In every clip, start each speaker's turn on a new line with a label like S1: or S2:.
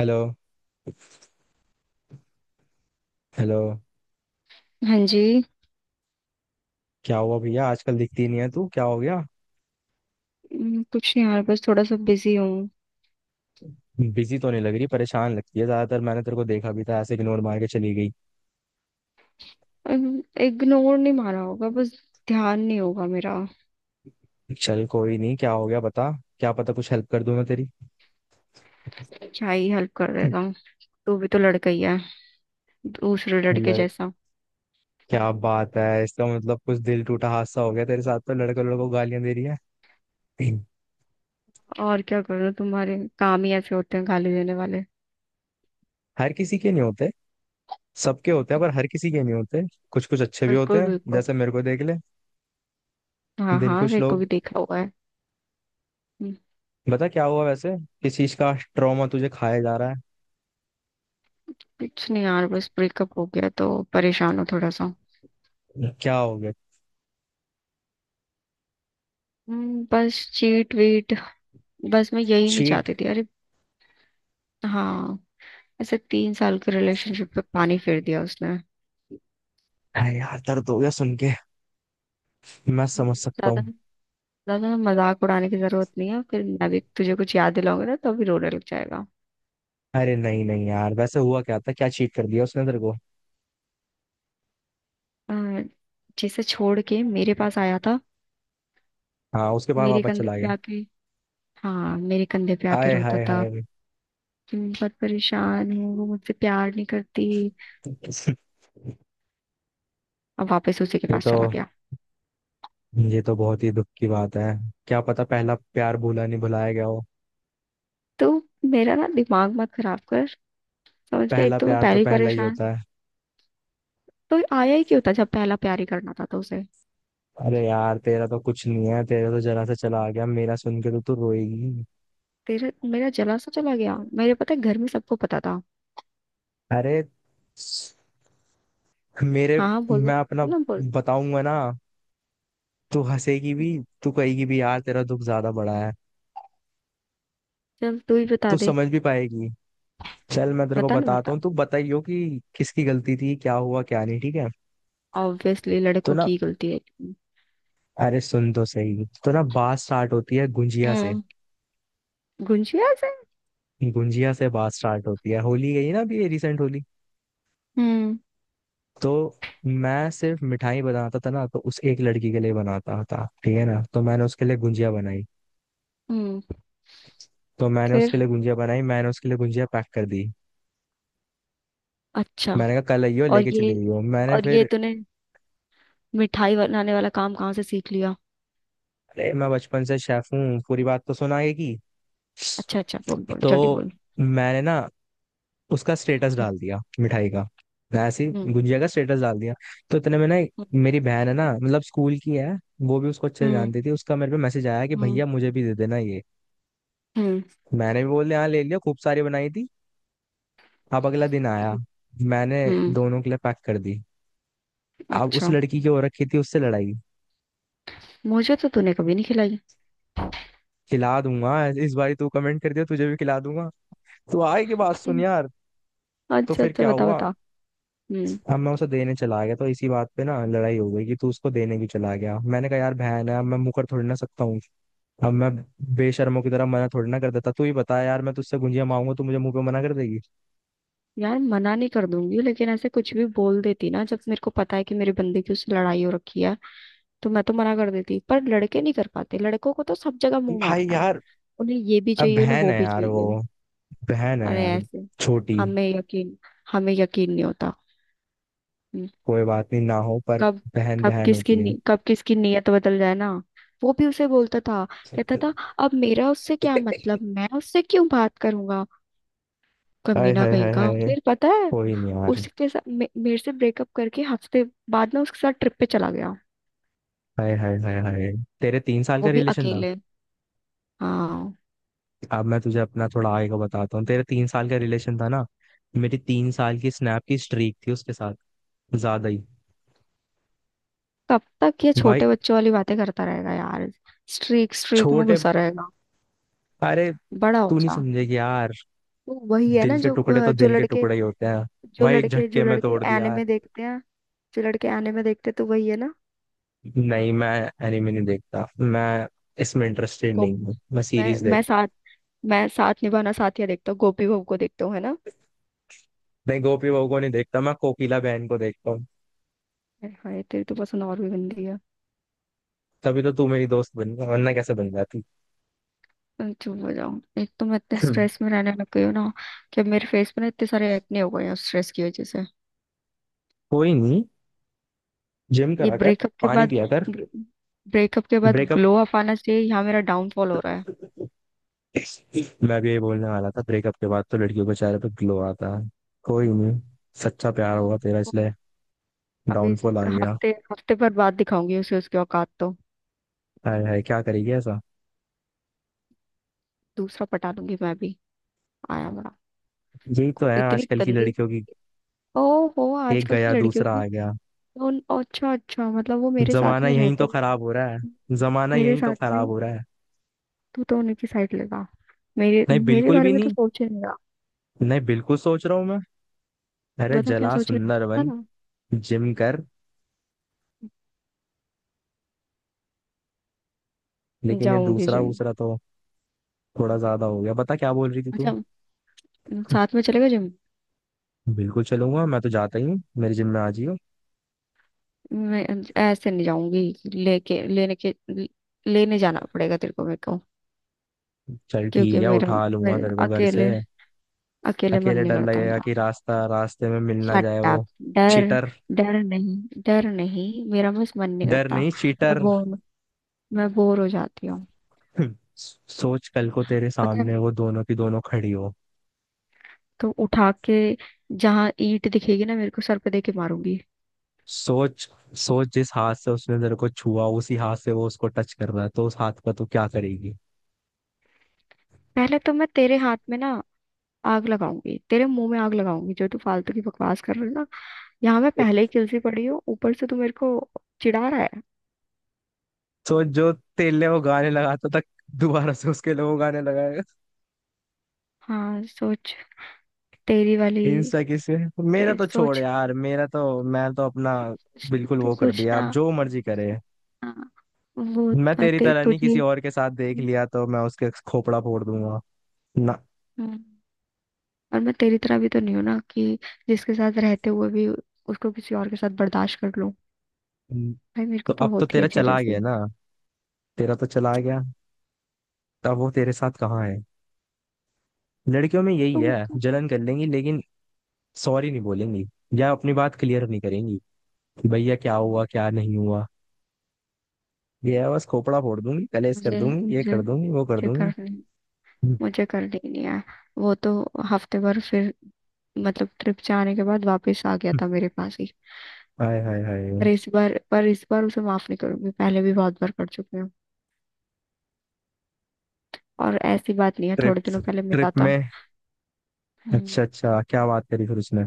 S1: Hello. Hello.
S2: हाँ जी।
S1: क्या हुआ भैया, आजकल दिखती नहीं है, तू क्या हो गया।
S2: कुछ नहीं यार, बस थोड़ा सा बिजी हूँ।
S1: बिजी तो नहीं लग रही, परेशान लगती है ज्यादातर। मैंने तेरे को देखा भी था, ऐसे इग्नोर मार के चली गई।
S2: इग्नोर नहीं मारा होगा, बस ध्यान नहीं होगा मेरा।
S1: चल कोई नहीं, क्या हो गया बता। क्या पता कुछ हेल्प कर दूं मैं तेरी।
S2: क्या ही हेल्प कर देगा। तू भी तो लड़का ही है, दूसरे लड़के
S1: लड़,
S2: जैसा।
S1: क्या बात है, इसका मतलब कुछ दिल टूटा हादसा हो गया तेरे साथ, तो लड़का लड़कों को गालियां दे रही है।
S2: और क्या करूँ, तुम्हारे काम ही ऐसे होते हैं गाली देने वाले।
S1: हर किसी के नहीं होते। सबके होते हैं पर हर किसी के नहीं होते। कुछ कुछ अच्छे भी होते
S2: बिल्कुल
S1: हैं,
S2: बिल्कुल।
S1: जैसे मेरे को देख ले।
S2: हाँ
S1: दिल
S2: हाँ,
S1: कुछ
S2: मेरे को
S1: लोग।
S2: भी देखा हुआ है। हम्म,
S1: बता क्या हुआ वैसे। किस चीज का ट्रॉमा तुझे खाया जा रहा है।
S2: कुछ नहीं यार, बस ब्रेकअप हो गया तो परेशान हूँ थोड़ा सा।
S1: क्या हो गया।
S2: बस चीट वीट। बस मैं यही नहीं
S1: चीट।
S2: चाहती थी, अरे। हाँ। ऐसे 3 साल के रिलेशनशिप पे पानी फेर दिया उसने।
S1: अरे यार दर्द हो गया सुन के। मैं समझ सकता
S2: ज्यादा,
S1: हूँ।
S2: ज्यादा मजाक उड़ाने की जरूरत नहीं है, फिर मैं भी तुझे कुछ याद दिलाऊंगी ना तो भी रोने लग जाएगा।
S1: अरे नहीं नहीं यार, वैसे हुआ क्या था, क्या चीट कर दिया उसने तेरे को।
S2: अ, जिसे छोड़ के मेरे पास आया था।
S1: हाँ, उसके बाद
S2: मेरे
S1: वापस
S2: कंधे
S1: चला
S2: पे
S1: गया।
S2: आके। हाँ, मेरे कंधे पे आके
S1: आए
S2: रोता
S1: हाय
S2: था
S1: हाय।
S2: कि मैं बहुत परेशान हूँ, वो मुझसे प्यार नहीं करती। अब वापस उसी के
S1: ये
S2: पास
S1: तो
S2: चला गया।
S1: ये तो बहुत ही दुख की बात है। क्या पता पहला प्यार भूला नहीं भुलाया गया हो।
S2: तो मेरा ना दिमाग मत खराब कर। समझ गया, एक
S1: पहला
S2: तो मैं
S1: प्यार तो
S2: पहले ही
S1: पहला ही
S2: परेशान।
S1: होता है।
S2: तो आया ही क्यों था, जब पहला प्यार ही करना था तो उसे।
S1: अरे यार तेरा तो कुछ नहीं है, तेरा तो जरा सा चला आ गया, मेरा सुन के तो तू रोएगी।
S2: तेरे मेरा जला सा चला गया, मेरे पता है घर में सबको पता था।
S1: अरे मेरे
S2: हाँ हाँ, बोल
S1: मैं अपना
S2: बोल ना, बोल।
S1: बताऊंगा ना। तू हंसेगी भी, तू कहेगी भी यार तेरा दुख ज्यादा बड़ा है।
S2: चल, तू ही बता
S1: तू
S2: दे।
S1: समझ भी पाएगी। चल मैं तेरे को
S2: बता ना,
S1: बताता हूँ,
S2: बता।
S1: तू बताइयो कि किसकी गलती थी, क्या हुआ क्या नहीं, ठीक है।
S2: ऑब्वियसली
S1: तो
S2: लड़कों
S1: ना
S2: की गलती है।
S1: अरे सुन तो सही। तो ना बात स्टार्ट होती है गुंजिया से।
S2: हम्म। गुंजिया से।
S1: गुंजिया से बात स्टार्ट होती है। होली गई ना अभी, रिसेंट होली।
S2: हम्म।
S1: तो मैं सिर्फ मिठाई बनाता था ना, तो उस एक लड़की के लिए बनाता था ठीक है ना, तो मैंने उसके लिए गुंजिया बनाई।
S2: हम्म। फिर।
S1: मैंने उसके लिए गुंजिया पैक कर दी।
S2: अच्छा।
S1: मैंने कहा कल आइयो,
S2: और
S1: लेके
S2: ये
S1: चली गई हो। मैंने
S2: और ये
S1: फिर,
S2: तूने मिठाई बनाने वाला काम कहाँ से सीख लिया?
S1: अरे मैं बचपन से शेफ हूँ, पूरी बात तो सुना आगे की।
S2: अच्छा अच्छा, बोल बोल जल्दी,
S1: तो
S2: बोल।
S1: मैंने ना उसका स्टेटस डाल दिया मिठाई का। मैं ऐसे ही
S2: हम्म
S1: गुजिया का स्टेटस डाल दिया। तो इतने में ना, मेरी बहन है ना, मतलब स्कूल की है, वो भी उसको अच्छे से
S2: हम्म
S1: जानती थी, उसका मेरे पे मैसेज आया कि
S2: हम्म
S1: भैया मुझे भी दे देना ये।
S2: हम्म
S1: मैंने भी बोल दिया हाँ, ले लिया, खूब सारी बनाई थी। अब अगला दिन आया, मैंने
S2: हम्म।
S1: दोनों के लिए पैक कर दी। अब उस
S2: अच्छा।
S1: लड़की की हो रखी थी उससे लड़ाई।
S2: मुझे तो तूने कभी नहीं खिलाई।
S1: खिला दूंगा। इस बारी तू कमेंट कर दिया, तुझे भी खिला दूंगा। तू आए की बात सुन
S2: हम्म,
S1: यार। तो
S2: अच्छा
S1: फिर
S2: अच्छा,
S1: क्या
S2: बता
S1: हुआ।
S2: बता। हम्म।
S1: अब मैं उसे देने चला गया, तो इसी बात पे ना लड़ाई हो गई कि तू उसको देने क्यों चला गया। मैंने कहा यार बहन है, अब मैं मुंह कर थोड़ी ना सकता हूँ। अब मैं बेशर्मों की तरह मना थोड़ी ना कर देता। तू ही बता यार, मैं तुझसे गुंजिया मांगूंगा, तू मुझे मुंह पे मना कर देगी।
S2: यार मना नहीं कर दूंगी, लेकिन ऐसे कुछ भी बोल देती ना, जब मेरे को पता है कि मेरे बंदे की उससे लड़ाई हो रखी है। तो मैं तो मना कर देती, पर लड़के नहीं कर पाते, लड़कों को तो सब जगह मुंह
S1: भाई
S2: मारना है।
S1: यार
S2: उन्हें ये भी
S1: अब
S2: चाहिए, उन्हें
S1: बहन
S2: वो
S1: है
S2: भी
S1: यार वो।
S2: चाहिए।
S1: बहन है
S2: अरे
S1: यार
S2: ऐसे।
S1: छोटी।
S2: हमें यकीन हमें यकीन नहीं होता। हम्म,
S1: कोई बात नहीं ना हो पर
S2: कब
S1: बहन
S2: कब
S1: बहन
S2: किसकी
S1: होती है।
S2: नी- कब किसकी नीयत बदल जाए ना। वो भी उसे बोलता था, कहता था, अब मेरा उससे क्या मतलब, मैं उससे क्यों बात करूंगा।
S1: हाय
S2: कमीना
S1: हाय
S2: कहीं
S1: हाय
S2: का।
S1: हाय।
S2: फिर पता है,
S1: कोई नहीं यार।
S2: उसके साथ मेरे से ब्रेकअप करके हफ्ते बाद में उसके साथ ट्रिप पे चला गया।
S1: हाय हाय हाय हाय। तेरे तीन साल का
S2: वो भी
S1: रिलेशन था।
S2: अकेले। हाँ।
S1: अब मैं तुझे अपना थोड़ा आगे का बताता हूँ। तेरे तीन साल का रिलेशन था ना मेरी 3 साल की स्नैप की स्ट्रीक थी उसके साथ। ज्यादा ही।
S2: कब तक ये
S1: भाई
S2: छोटे बच्चों वाली बातें करता रहेगा यार? स्ट्रीक स्ट्रीक में
S1: छोटे,
S2: घुसा रहेगा।
S1: अरे
S2: बड़ा हो
S1: तू नहीं
S2: जा।
S1: समझेगी यार,
S2: वो वही है ना,
S1: दिल के टुकड़े तो दिल के टुकड़े ही होते हैं भाई, एक
S2: जो
S1: झटके में
S2: लड़के
S1: तोड़ दिया यार।
S2: एनिमे देखते हैं। जो लड़के एनिमे देखते हैं, तो वही है ना।
S1: नहीं, मैं एनिमे नहीं देखता। मैं इसमें इंटरेस्टेड
S2: गो
S1: नहीं हूँ, मैं
S2: मैं
S1: सीरीज
S2: मैं
S1: देख।
S2: साथ मैं साथ निभाना साथिया देखता हूँ, गोपी बहू को देखता हूँ, है ना।
S1: नहीं, गोपी बहू को नहीं देखता, मैं कोकिला बहन को देखता हूँ।
S2: हाय, तेरी तो पसंद और भी गंदी है।
S1: तभी तो तू मेरी दोस्त बन गया, वरना कैसे बन जाती।
S2: मैं चुप हो जाऊँ, एक तो मैं इतने स्ट्रेस में रहने लग गई हूँ ना कि अब मेरे फेस पे ना इतने सारे एक्ने हो गए हैं स्ट्रेस की वजह से।
S1: कोई नहीं, जिम
S2: ये
S1: करा कर, पानी पिया कर।
S2: ब्रेकअप के बाद ग्लो अप आना चाहिए, यहाँ मेरा डाउनफॉल हो रहा है।
S1: ब्रेकअप, मैं भी यही बोलने वाला था, ब्रेकअप के बाद तो लड़कियों के चेहरे पे ग्लो आता है। कोई नहीं, सच्चा प्यार होगा तेरा इसलिए
S2: अब इस
S1: डाउनफॉल आ गया।
S2: हफ्ते हफ्ते पर बाद दिखाऊंगी उसे उसकी औकात, तो
S1: हाय हाय क्या करेगी ऐसा।
S2: दूसरा पटा लूंगी मैं भी। आया बड़ा।
S1: यही तो है
S2: इतनी
S1: आजकल की
S2: गंदी।
S1: लड़कियों की,
S2: ओ हो
S1: एक
S2: आजकल की
S1: गया
S2: लड़कियों
S1: दूसरा
S2: की।
S1: आ गया।
S2: अच्छा अच्छा, मतलब वो मेरे साथ
S1: जमाना
S2: में
S1: यही
S2: रहते
S1: तो
S2: हुए,
S1: खराब हो रहा है। जमाना
S2: मेरे
S1: यही तो
S2: साथ में,
S1: खराब हो रहा है।
S2: तू तो उनकी साइड लेगा, मेरे
S1: नहीं
S2: मेरे
S1: बिल्कुल
S2: बारे
S1: भी
S2: में तो
S1: नहीं।
S2: सोचे नहीं रहा।
S1: नहीं, बिल्कुल सोच रहा हूँ मैं। अरे
S2: बता क्या
S1: जला
S2: सोच
S1: सुंदर
S2: रहा था
S1: बन,
S2: ना।
S1: जिम कर। लेकिन ये
S2: जाऊंगी
S1: दूसरा
S2: जिम।
S1: दूसरा तो थोड़ा ज्यादा हो गया। बता क्या बोल रही थी तू।
S2: अच्छा, साथ में चलेगा जिम?
S1: बिल्कुल चलूंगा, मैं तो जाता ही हूँ, मेरे जिम में आ जियो।
S2: मैं ऐसे नहीं जाऊंगी, लेके लेने के लेने जाना पड़ेगा तेरे को मेरे को।
S1: चल
S2: क्योंकि
S1: ठीक है,
S2: मेरा
S1: उठा लूंगा
S2: मेरा
S1: तेरे को घर से।
S2: अकेले, अकेले मन
S1: अकेले
S2: नहीं
S1: डर
S2: करता
S1: लगेगा
S2: मेरा।
S1: कि रास्ता रास्ते में मिल ना जाए
S2: शट अप।
S1: वो।
S2: डर
S1: चीटर।
S2: डर नहीं, डर नहीं, मेरा बस मन नहीं
S1: डर
S2: करता।
S1: नहीं,
S2: मैं
S1: चीटर।
S2: बोर मैं बोर हो जाती हूँ।
S1: सोच, कल को तेरे
S2: पता है,
S1: सामने वो दोनों की दोनों खड़ी हो।
S2: तो उठा के जहाँ ईंट दिखेगी ना, मेरे को सर पे दे के मारूंगी।
S1: सोच, सोच जिस हाथ से उसने तेरे को छुआ, उसी हाथ से वो उसको टच कर रहा है, तो उस हाथ का तू क्या करेगी।
S2: पहले तो मैं तेरे हाथ में ना आग लगाऊंगी, तेरे मुंह में आग लगाऊंगी, जो तू फालतू की बकवास कर रही है ना। यहाँ मैं पहले ही किलसी पड़ी हूँ, ऊपर से तू मेरे को चिढ़ा रहा है।
S1: सोच जो तेले वो गाने लगाता था, दोबारा से उसके लिए वो गाने लगाएगा।
S2: हाँ, सोच, तेरी वाली,
S1: इंस्टा किसे। मेरा तो छोड़
S2: सोच,
S1: यार, मेरा तो मैं तो अपना बिल्कुल
S2: तू
S1: वो कर दिया,
S2: सोचना।
S1: आप जो मर्जी करे।
S2: हाँ, वो
S1: मैं
S2: था,
S1: तेरी तरह नहीं, किसी
S2: तुझे।
S1: और के साथ देख लिया तो मैं उसके खोपड़ा फोड़ दूंगा ना।
S2: हम्म, और मैं तेरी तरह भी तो नहीं हूं ना, कि जिसके साथ रहते हुए भी उसको किसी और के साथ बर्दाश्त कर लूं। भाई, मेरे
S1: तो
S2: को तो
S1: अब तो
S2: होती है
S1: तेरा चला गया
S2: जेलसी।
S1: ना तेरा तो चला गया, तब वो तेरे साथ कहाँ है। लड़कियों में यही
S2: तुम
S1: है,
S2: का-
S1: जलन कर लेंगी लेकिन सॉरी नहीं बोलेंगी, या अपनी बात क्लियर नहीं करेंगी कि भैया क्या हुआ क्या नहीं हुआ। ये है बस, खोपड़ा फोड़ दूंगी, कलेश कर
S2: मुझे
S1: दूंगी, ये
S2: मुझे
S1: कर दूंगी, वो कर दूंगी।
S2: मुझे करनी ही नहीं है। वो तो हफ्ते भर, फिर मतलब ट्रिप जाने के बाद वापस आ गया था मेरे पास ही।
S1: हाय हाय हाय।
S2: पर इस बार उसे माफ नहीं करूंगी, पहले भी बहुत बार कर चुकी हूँ। और ऐसी बात नहीं है,
S1: ट्रिप
S2: थोड़े दिनों पहले मिला
S1: ट्रिप
S2: था।
S1: में
S2: हम्म।
S1: अच्छा अच्छा क्या बात करी फिर उसने।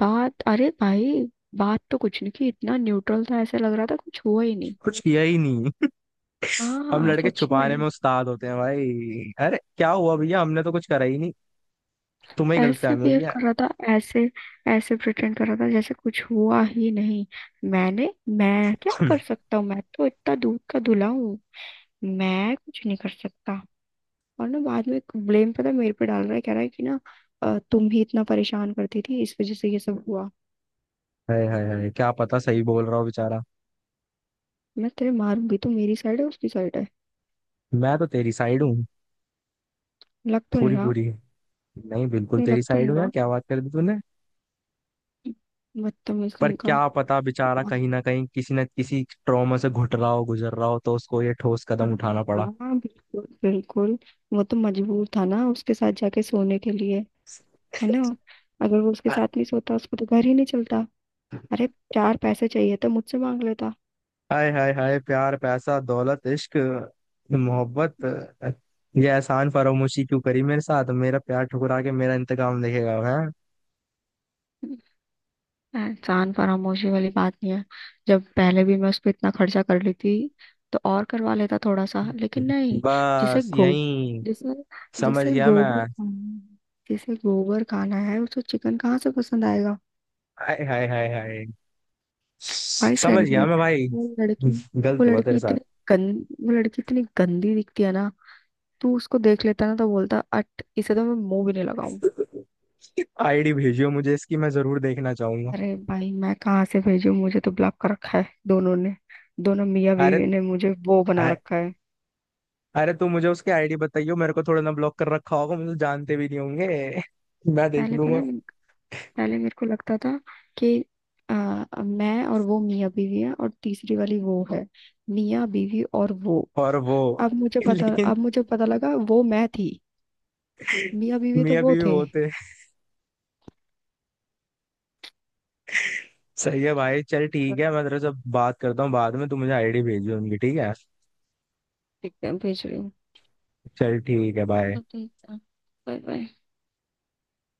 S2: बात अरे भाई, बात तो कुछ नहीं की, इतना न्यूट्रल था, ऐसे लग रहा था कुछ हुआ ही नहीं।
S1: कुछ किया ही नहीं। हम
S2: हाँ
S1: लड़के
S2: सच
S1: छुपाने
S2: में।
S1: में उस्ताद होते हैं भाई। अरे क्या हुआ भैया, हमने तो कुछ करा ही नहीं, तुम्हें ही
S2: ऐसे
S1: गलतफहमी हुई
S2: बिहेव
S1: है।
S2: कर रहा था, ऐसे ऐसे प्रिटेंड कर रहा था, जैसे कुछ हुआ ही नहीं। मैंने मैं क्या कर सकता हूँ, मैं तो इतना दूध का धुला हूँ, मैं कुछ नहीं कर सकता। और ना बाद में ब्लेम पता है मेरे पे डाल रहा है, कह रहा है कि ना तुम ही इतना परेशान करती थी, इस वजह से ये सब हुआ।
S1: हाय हाय हाय, क्या पता सही बोल रहा हूँ बेचारा।
S2: मैं तेरे मारूंगी, तो मेरी साइड है उसकी साइड है?
S1: मैं तो तेरी साइड हूँ,
S2: लग तो नहीं
S1: पूरी
S2: रहा।
S1: पूरी। नहीं, बिल्कुल
S2: नहीं, लग
S1: तेरी
S2: तो
S1: साइड
S2: नहीं
S1: हूँ यार,
S2: रहा,
S1: क्या बात कर दी तूने।
S2: बदतमीज
S1: पर
S2: कहीं का।
S1: क्या पता बेचारा कहीं ना कहीं किसी ना किसी ट्रॉमा से घुट रहा हो, गुजर रहा हो, तो उसको ये ठोस कदम उठाना
S2: हाँ
S1: पड़ा।
S2: हाँ, बिल्कुल बिल्कुल। वो तो मजबूर था ना, उसके साथ जाके सोने के लिए, है ना। अगर वो उसके साथ नहीं सोता, उसको तो घर ही नहीं चलता। अरे, चार पैसे चाहिए तो मुझसे मांग लेता।
S1: हाय हाय हाय। प्यार पैसा दौलत इश्क मोहब्बत, ये एहसान फरामोशी क्यों करी मेरे साथ, मेरा प्यार ठुकरा के मेरा इंतकाम देखेगा है।
S2: एहसान फरामोशी वाली बात नहीं है, जब पहले भी मैं उस पर इतना खर्चा कर ली थी, तो और करवा लेता थोड़ा सा, लेकिन नहीं। जिसे
S1: बस
S2: गो
S1: यही,
S2: जिसे
S1: समझ
S2: जिसे
S1: गया मैं।
S2: गोबर खाना है जिसे गोबर खाना है, उसको चिकन कहाँ से पसंद आएगा।
S1: हाय हाय हाय हाय,
S2: भाई,
S1: समझ
S2: साइड
S1: गया
S2: में,
S1: मैं भाई।
S2: वो लड़की वो
S1: गलत हुआ
S2: लड़की
S1: तेरे साथ।
S2: इतनी वो लड़की इतनी गंदी दिखती है ना। तू उसको देख लेता ना, तो बोलता, अट, इसे तो मैं मुंह भी नहीं लगाऊं।
S1: आईडी भेजियो मुझे इसकी, मैं जरूर देखना चाहूंगा।
S2: अरे भाई, मैं कहाँ से भेजूं, मुझे तो ब्लॉक कर रखा है दोनों ने। दोनों मियाँ
S1: अरे
S2: बीवी ने मुझे वो बना
S1: अ-
S2: रखा है।
S1: अरे तू मुझे उसकी आईडी बताइयो, मेरे को थोड़ा ना ब्लॉक कर रखा होगा, मुझे जानते भी नहीं होंगे। मैं देख
S2: पहले पता
S1: लूंगा।
S2: है, पहले मेरे को लगता था कि मैं और वो मियाँ बीवी है, और तीसरी वाली वो है। मियाँ बीवी और वो।
S1: और वो, लेकिन
S2: अब मुझे पता लगा, वो मैं थी, मियाँ बीवी तो
S1: मियां
S2: वो
S1: बीवी
S2: थे।
S1: वो थे। सही है भाई, चल ठीक है, मैं तेरे से बात करता हूँ बाद में, तू मुझे आईडी भेजियो उनकी, ठीक है।
S2: दिखते हैं, भेज रही हूँ।
S1: चल ठीक है भाई।
S2: तो ठीक है, बाय बाय।